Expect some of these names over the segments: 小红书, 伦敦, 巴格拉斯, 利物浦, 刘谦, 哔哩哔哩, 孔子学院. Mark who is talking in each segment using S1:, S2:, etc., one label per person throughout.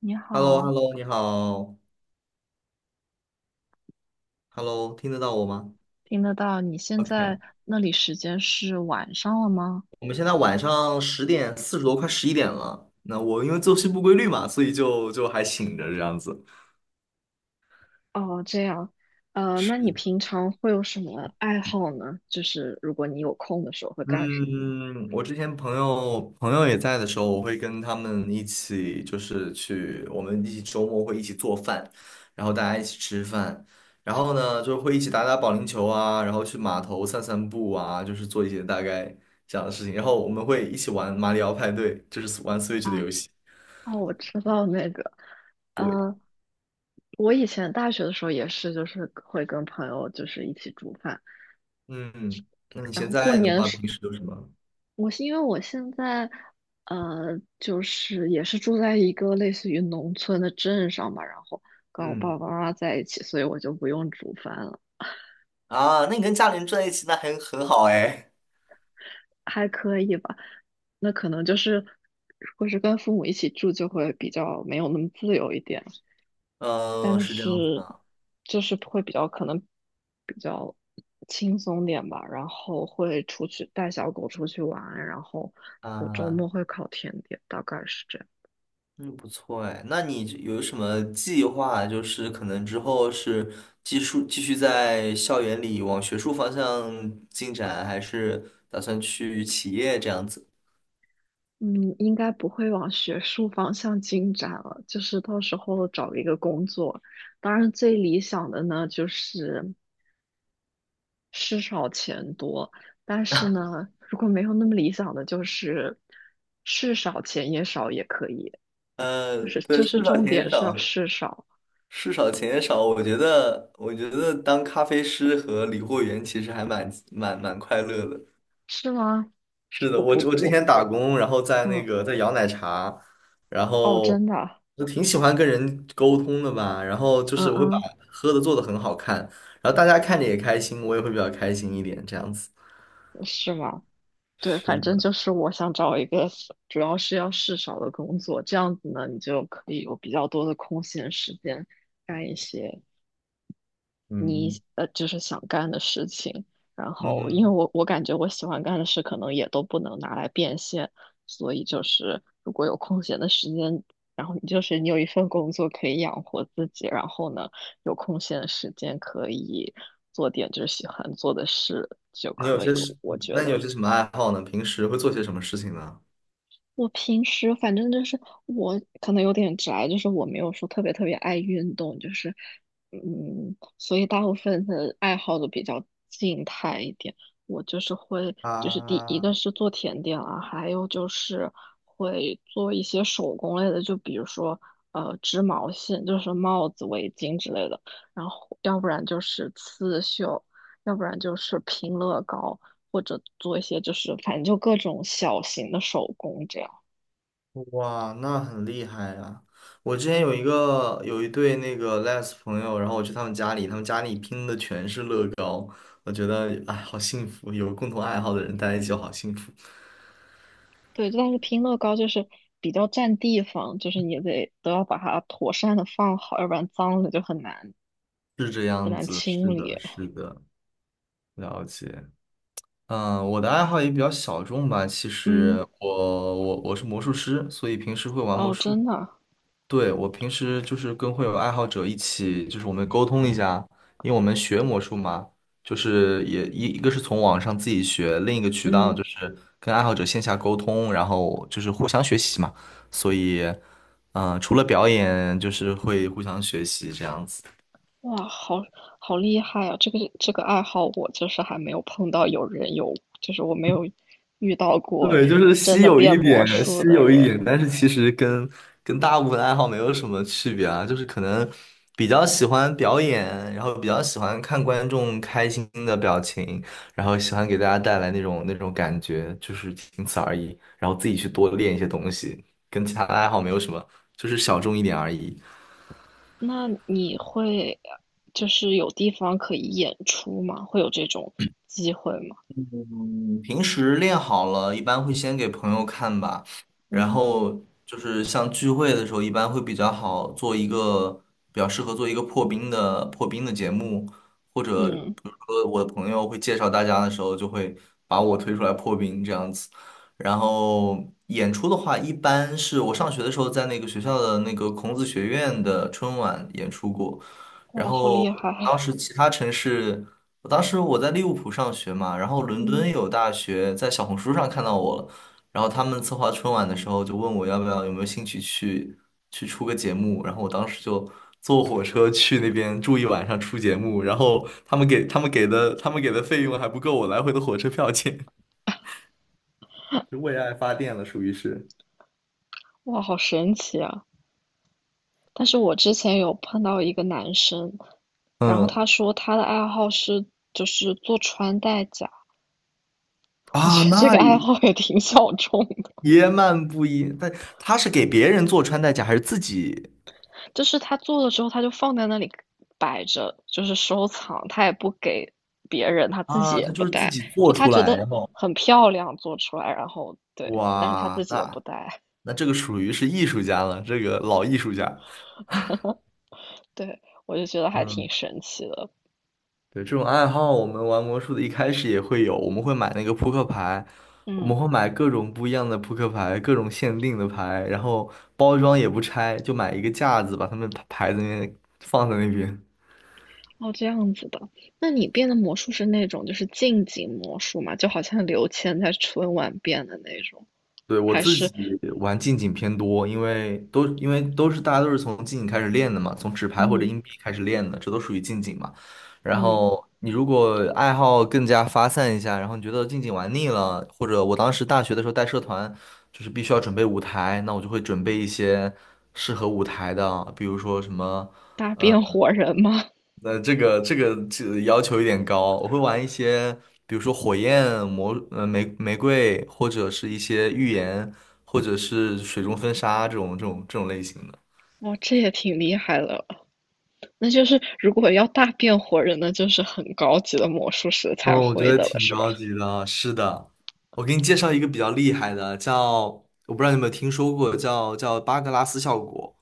S1: 你
S2: h e l l o h e l l
S1: 好，
S2: o 你好，Hello，听得到我吗
S1: 听得到？你现在
S2: ？OK，
S1: 那里时间是晚上了吗？
S2: 我们现在晚上10点40多，快11点了。那我因为作息不规律嘛，所以就还醒着这样子。
S1: 哦，这样，那你
S2: 是，
S1: 平常会有什么爱好呢？就是如果你有空的时候会干什么呢？
S2: 嗯，我之前朋友也在的时候，我会跟他们一起，就是去我们一起周末会一起做饭，然后大家一起吃饭，然后呢就会一起打打保龄球啊，然后去码头散散步啊，就是做一些大概这样的事情，然后我们会一起玩马里奥派对，就是玩 Switch 的
S1: 啊，
S2: 游戏。
S1: 哦，我知道那个，
S2: 对，
S1: 呃，我以前大学的时候也是，就是会跟朋友就是一起煮饭，
S2: 嗯，那你
S1: 然
S2: 现
S1: 后过
S2: 在的
S1: 年的
S2: 话，
S1: 时，
S2: 平时都什么？
S1: 我是因为我现在，就是也是住在一个类似于农村的镇上吧，然后跟我
S2: 嗯
S1: 爸爸妈妈在一起，所以我就不用煮饭了。
S2: 啊，那你跟家里人住在一起，那很好哎。
S1: 还可以吧。那可能就是，如果是跟父母一起住，就会比较没有那么自由一点，
S2: 嗯、
S1: 但
S2: 是这样子
S1: 是
S2: 的
S1: 就是会比较可能比较轻松点吧。然后会出去带小狗出去玩，然后我周
S2: 啊。
S1: 末会烤甜点，大概是这样。
S2: 嗯，不错哎。那你有什么计划？就是可能之后是继续在校园里往学术方向进展，还是打算去企业这样子？
S1: 嗯，应该不会往学术方向进展了，就是到时候找一个工作。当然，最理想的呢，就是。事少钱多，但是呢，如果没有那么理想的，就是事少钱也少也可以，
S2: 呃，
S1: 就是
S2: 对，
S1: 就
S2: 事
S1: 是
S2: 少
S1: 重
S2: 钱也
S1: 点是要
S2: 少，
S1: 事少，
S2: 事少钱也少。我觉得当咖啡师和理货员其实还蛮快乐的。
S1: 是吗？
S2: 是的，
S1: 我
S2: 我
S1: 不
S2: 我之
S1: 我
S2: 前打工，然后在那
S1: 嗯，
S2: 个在摇奶茶，然
S1: 哦，
S2: 后
S1: 真的，
S2: 我挺喜欢跟人沟通的吧，然后就
S1: 嗯
S2: 是我会把
S1: 嗯，
S2: 喝的做的很好看，然后大家看着也开心，我也会比较开心一点，这样子。
S1: 是吗？对，
S2: 是
S1: 反正
S2: 的，
S1: 就是我想找一个主要是要事少的工作，这样子呢，你就可以有比较多的空闲时间干一些你
S2: 嗯
S1: 就是想干的事情。然后，因为
S2: 嗯，
S1: 我感觉我喜欢干的事可能也都不能拿来变现，所以就是如果有空闲的时间，然后你就是你有一份工作可以养活自己，然后呢有空闲的时间可以做点就是喜欢做的事就
S2: 你有
S1: 可
S2: 些
S1: 以，
S2: 什，
S1: 我觉
S2: 那你有
S1: 得。
S2: 些什么爱好呢？平时会做些什么事情呢？
S1: 我平时反正就是我可能有点宅，就是我没有说特别爱运动，就是嗯，所以大部分的爱好都比较静态一点。我就是会，就是第一
S2: 啊，
S1: 个是做甜点啊，还有就是会做一些手工类的，就比如说织毛线，就是帽子、围巾之类的，然后要不然就是刺绣，要不然就是拼乐高。或者做一些就是反正就各种小型的手工这样。
S2: 哇，那很厉害啊！我之前有一对那个 les 朋友，然后我去他们家里，他们家里拼的全是乐高，我觉得哎，好幸福，有共同爱好的人待在一起就好幸福。
S1: 对，但是拼乐高就是比较占地方，就是你得都要把它妥善的放好，要不然脏了就很难清理。
S2: 了解，我的爱好也比较小众吧，其
S1: 嗯，
S2: 实我是魔术师，所以平时会玩魔
S1: 哦，
S2: 术。
S1: 真的啊，
S2: 对，我平时就是跟会有爱好者一起，就是我们沟通一下，因为我们学魔术嘛，就是也一个是从网上自己学，另一个渠道
S1: 嗯，
S2: 就是跟爱好者线下沟通，然后就是互相学习嘛。所以，嗯、除了表演，就是会互相学习这样子。
S1: 哇，好好厉害啊！这个爱好我就是还没有碰到有人有，就是我没有遇到过
S2: 对，就是
S1: 真
S2: 稀
S1: 的
S2: 有
S1: 变
S2: 一
S1: 魔
S2: 点，
S1: 术
S2: 稀
S1: 的
S2: 有一点，
S1: 人。
S2: 但是其实跟大部分爱好没有什么区别啊，就是可能比较喜欢表演，然后比较喜欢看观众开心的表情，然后喜欢给大家带来那种感觉，就是仅此而已。然后自己去多练一些东西，跟其他的爱好没有什么，就是小众一点而已。
S1: 那你会就是有地方可以演出吗？会有这种机会吗？
S2: 嗯平时练好了，一般会先给朋友看吧，然
S1: 嗯，
S2: 后就是像聚会的时候，一般会比较适合做一个破冰的节目，或者
S1: 嗯，
S2: 比如说我的朋友会介绍大家的时候，就会把我推出来破冰这样子。然后演出的话，一般是我上学的时候在那个学校的那个孔子学院的春晚演出过，然
S1: 哇，好厉
S2: 后
S1: 害啊，
S2: 当时其他城市。我当时我在利物浦上学嘛，然后伦
S1: 嗯。
S2: 敦有大学在小红书上看到我了，然后他们策划春晚的时候就问我要不要有没有兴趣去去出个节目，然后我当时就坐火车去那边住一晚上出节目，然后他们给的费用还不够我来回的火车票钱，就为爱发电了，属于是。
S1: 哇，好神奇啊！但是我之前有碰到一个男生，然后
S2: 嗯
S1: 他说他的爱好是就是做穿戴甲，我
S2: 啊，
S1: 觉得这
S2: 那
S1: 个爱好也挺小众的。
S2: 也蛮不一，但他是给别人做穿戴甲还是自己
S1: 就是他做了之后他就放在那里摆着，就是收藏，他也不给别人，他自己
S2: 啊？
S1: 也
S2: 他
S1: 不
S2: 就是自
S1: 戴，
S2: 己
S1: 就
S2: 做
S1: 他
S2: 出
S1: 觉
S2: 来，
S1: 得
S2: 然后
S1: 很漂亮做出来，然后对，但是他自
S2: 哇，
S1: 己也不
S2: 那
S1: 戴，
S2: 那这个属于是艺术家了，这个老艺术家。
S1: 对，我就觉得还挺
S2: 嗯，
S1: 神奇的，
S2: 对，这种爱好，我们玩魔术的一开始也会有，我们会买那个扑克牌，我
S1: 嗯。
S2: 们会买各种不一样的扑克牌，各种限定的牌，然后包装也不拆，就买一个架子，把它们牌牌子那放在那边。
S1: 哦，这样子的。那你变的魔术是那种就是近景魔术嘛？就好像刘谦在春晚变的那种，
S2: 对，我
S1: 还
S2: 自
S1: 是
S2: 己玩近景偏多，因为都是大家都是从近景开始练的嘛，从纸牌或者
S1: 嗯，
S2: 硬币开始练的，这都属于近景嘛。然
S1: 嗯，
S2: 后你如果爱好更加发散一下，然后你觉得近景玩腻了，或者我当时大学的时候带社团，就是必须要准备舞台，那我就会准备一些适合舞台的，比如说什么
S1: 大变活人吗？
S2: 那这个要求有点高，我会玩一些，比如说火焰魔，玫瑰，或者是一些预言，或者是水中分沙这种类型的。
S1: 哦，这也挺厉害的。那就是如果要大变活人，那就是很高级的魔术师才
S2: 哦，我觉
S1: 会
S2: 得
S1: 的了，
S2: 挺
S1: 是吧？
S2: 高级的。啊是的，我给你介绍一个比较厉害的，我不知道你有没有听说过，叫巴格拉斯效果。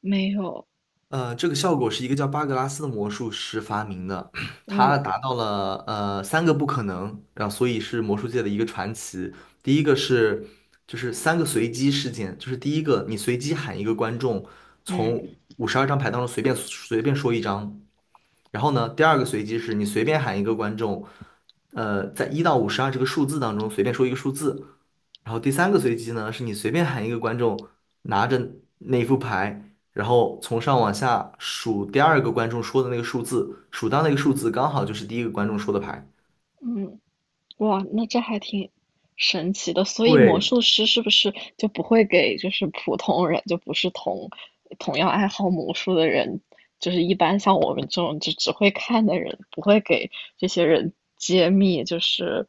S1: 没有，
S2: 这个效果是一个叫巴格拉斯的魔术师发明的，他
S1: 嗯，
S2: 达到了三个不可能，然后所以是魔术界的一个传奇。第一个是就是三个随机事件，就是第一个你随机喊一个观众从
S1: 嗯，
S2: 52张牌当中随便说一张，然后呢，第二个随机是你随便喊一个观众，呃，在1到52这个数字当中随便说一个数字，然后第三个随机呢，是你随便喊一个观众拿着那副牌，然后从上往下数第二个观众说的那个数字，数到那个数字刚好就是第一个观众说的牌。
S1: 嗯。哇，那这还挺神奇的。所以魔
S2: 对，
S1: 术师是不是就不会给就是普通人，就不是同样爱好魔术的人，就是一般像我们这种就只会看的人，不会给这些人揭秘就是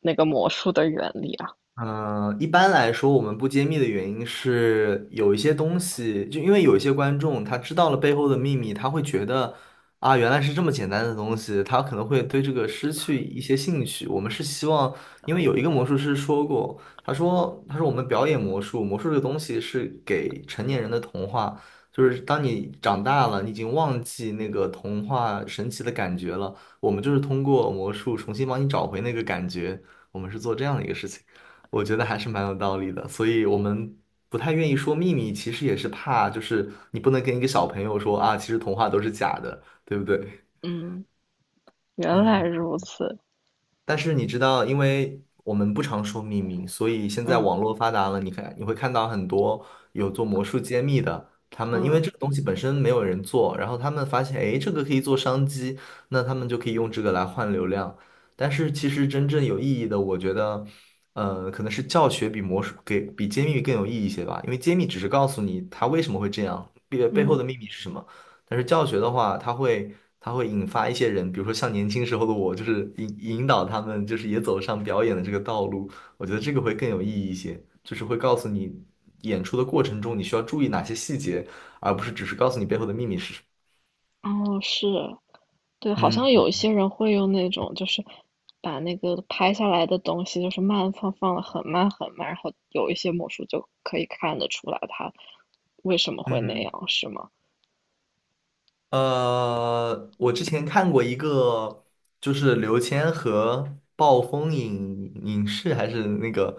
S1: 那个魔术的原理啊？
S2: 嗯，一般来说，我们不揭秘的原因是有一些东西，就因为有一些观众他知道了背后的秘密，他会觉得啊，原来是这么简单的东西，他可能会对这个失去一些兴趣。我们是希望，因为有一个魔术师说过，他说我们表演魔术，魔术这个东西是给成年人的童话，就是当你长大了，你已经忘记那个童话神奇的感觉了，我们就是通过魔术重新帮你找回那个感觉，我们是做这样的一个事情。我觉得还是蛮有道理的，所以我们不太愿意说秘密，其实也是怕，就是你不能跟一个小朋友说啊，其实童话都是假的，对不对？
S1: 嗯，原来
S2: 嗯。
S1: 如此。
S2: 但是你知道，因为我们不常说秘密，所以现在
S1: 嗯，
S2: 网络发达了，你看你会看到很多有做魔术揭秘的，他们因为
S1: 嗯，
S2: 这个东西本身没有人做，然后他们发现，哎，这个可以做商机，那他们就可以用这个来换流量。但是其实真正有意义的，我觉得，可能是教学比魔术给比揭秘更有意义一些吧，因为揭秘只是告诉你它为什么会这样，背背后
S1: 嗯，
S2: 的秘密是什么。但是教学的话，它会引发一些人，比如说像年轻时候的我，就是引导他们，就是也走上表演的这个道路。我觉得这个会更有意义一些，就是会告诉你演出的过程中你需要注意哪些细节，而不是只是告诉你背后的秘密是什么。
S1: 哦，是。对，好像有
S2: 嗯
S1: 一些人会用那种，就是把那个拍下来的东西，就是慢放，放的很慢，然后有一些魔术就可以看得出来它为什么会那
S2: 嗯。
S1: 样，是吗？
S2: 我之前看过一个，就是刘谦和暴风影影视还是那个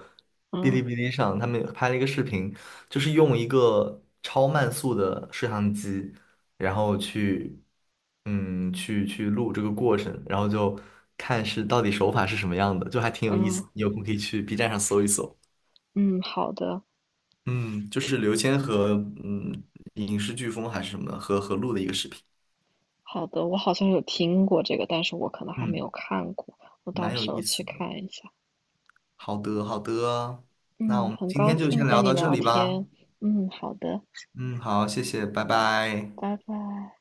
S2: 哔哩
S1: 嗯，
S2: 哔哩上，他们拍了一个视频，就是用一个超慢速的摄像机，然后去，嗯，去去录这个过程，然后就看是到底手法是什么样的，就还挺有意
S1: 嗯，
S2: 思的你有空可以去 B站上搜一搜。
S1: 嗯，好的，
S2: 嗯，就是刘谦和嗯影视飓风还是什么和录的一个视频，
S1: 好的，我好像有听过这个，但是我可能还没
S2: 嗯，
S1: 有看过，我到
S2: 蛮有
S1: 时候
S2: 意
S1: 去
S2: 思的。
S1: 看一下。
S2: 好的，好的，那我
S1: 嗯，
S2: 们
S1: 很
S2: 今
S1: 高
S2: 天就
S1: 兴
S2: 先
S1: 跟
S2: 聊
S1: 你
S2: 到这
S1: 聊
S2: 里吧。
S1: 天。嗯，好的，
S2: 嗯，好，谢谢，拜拜。
S1: 拜拜。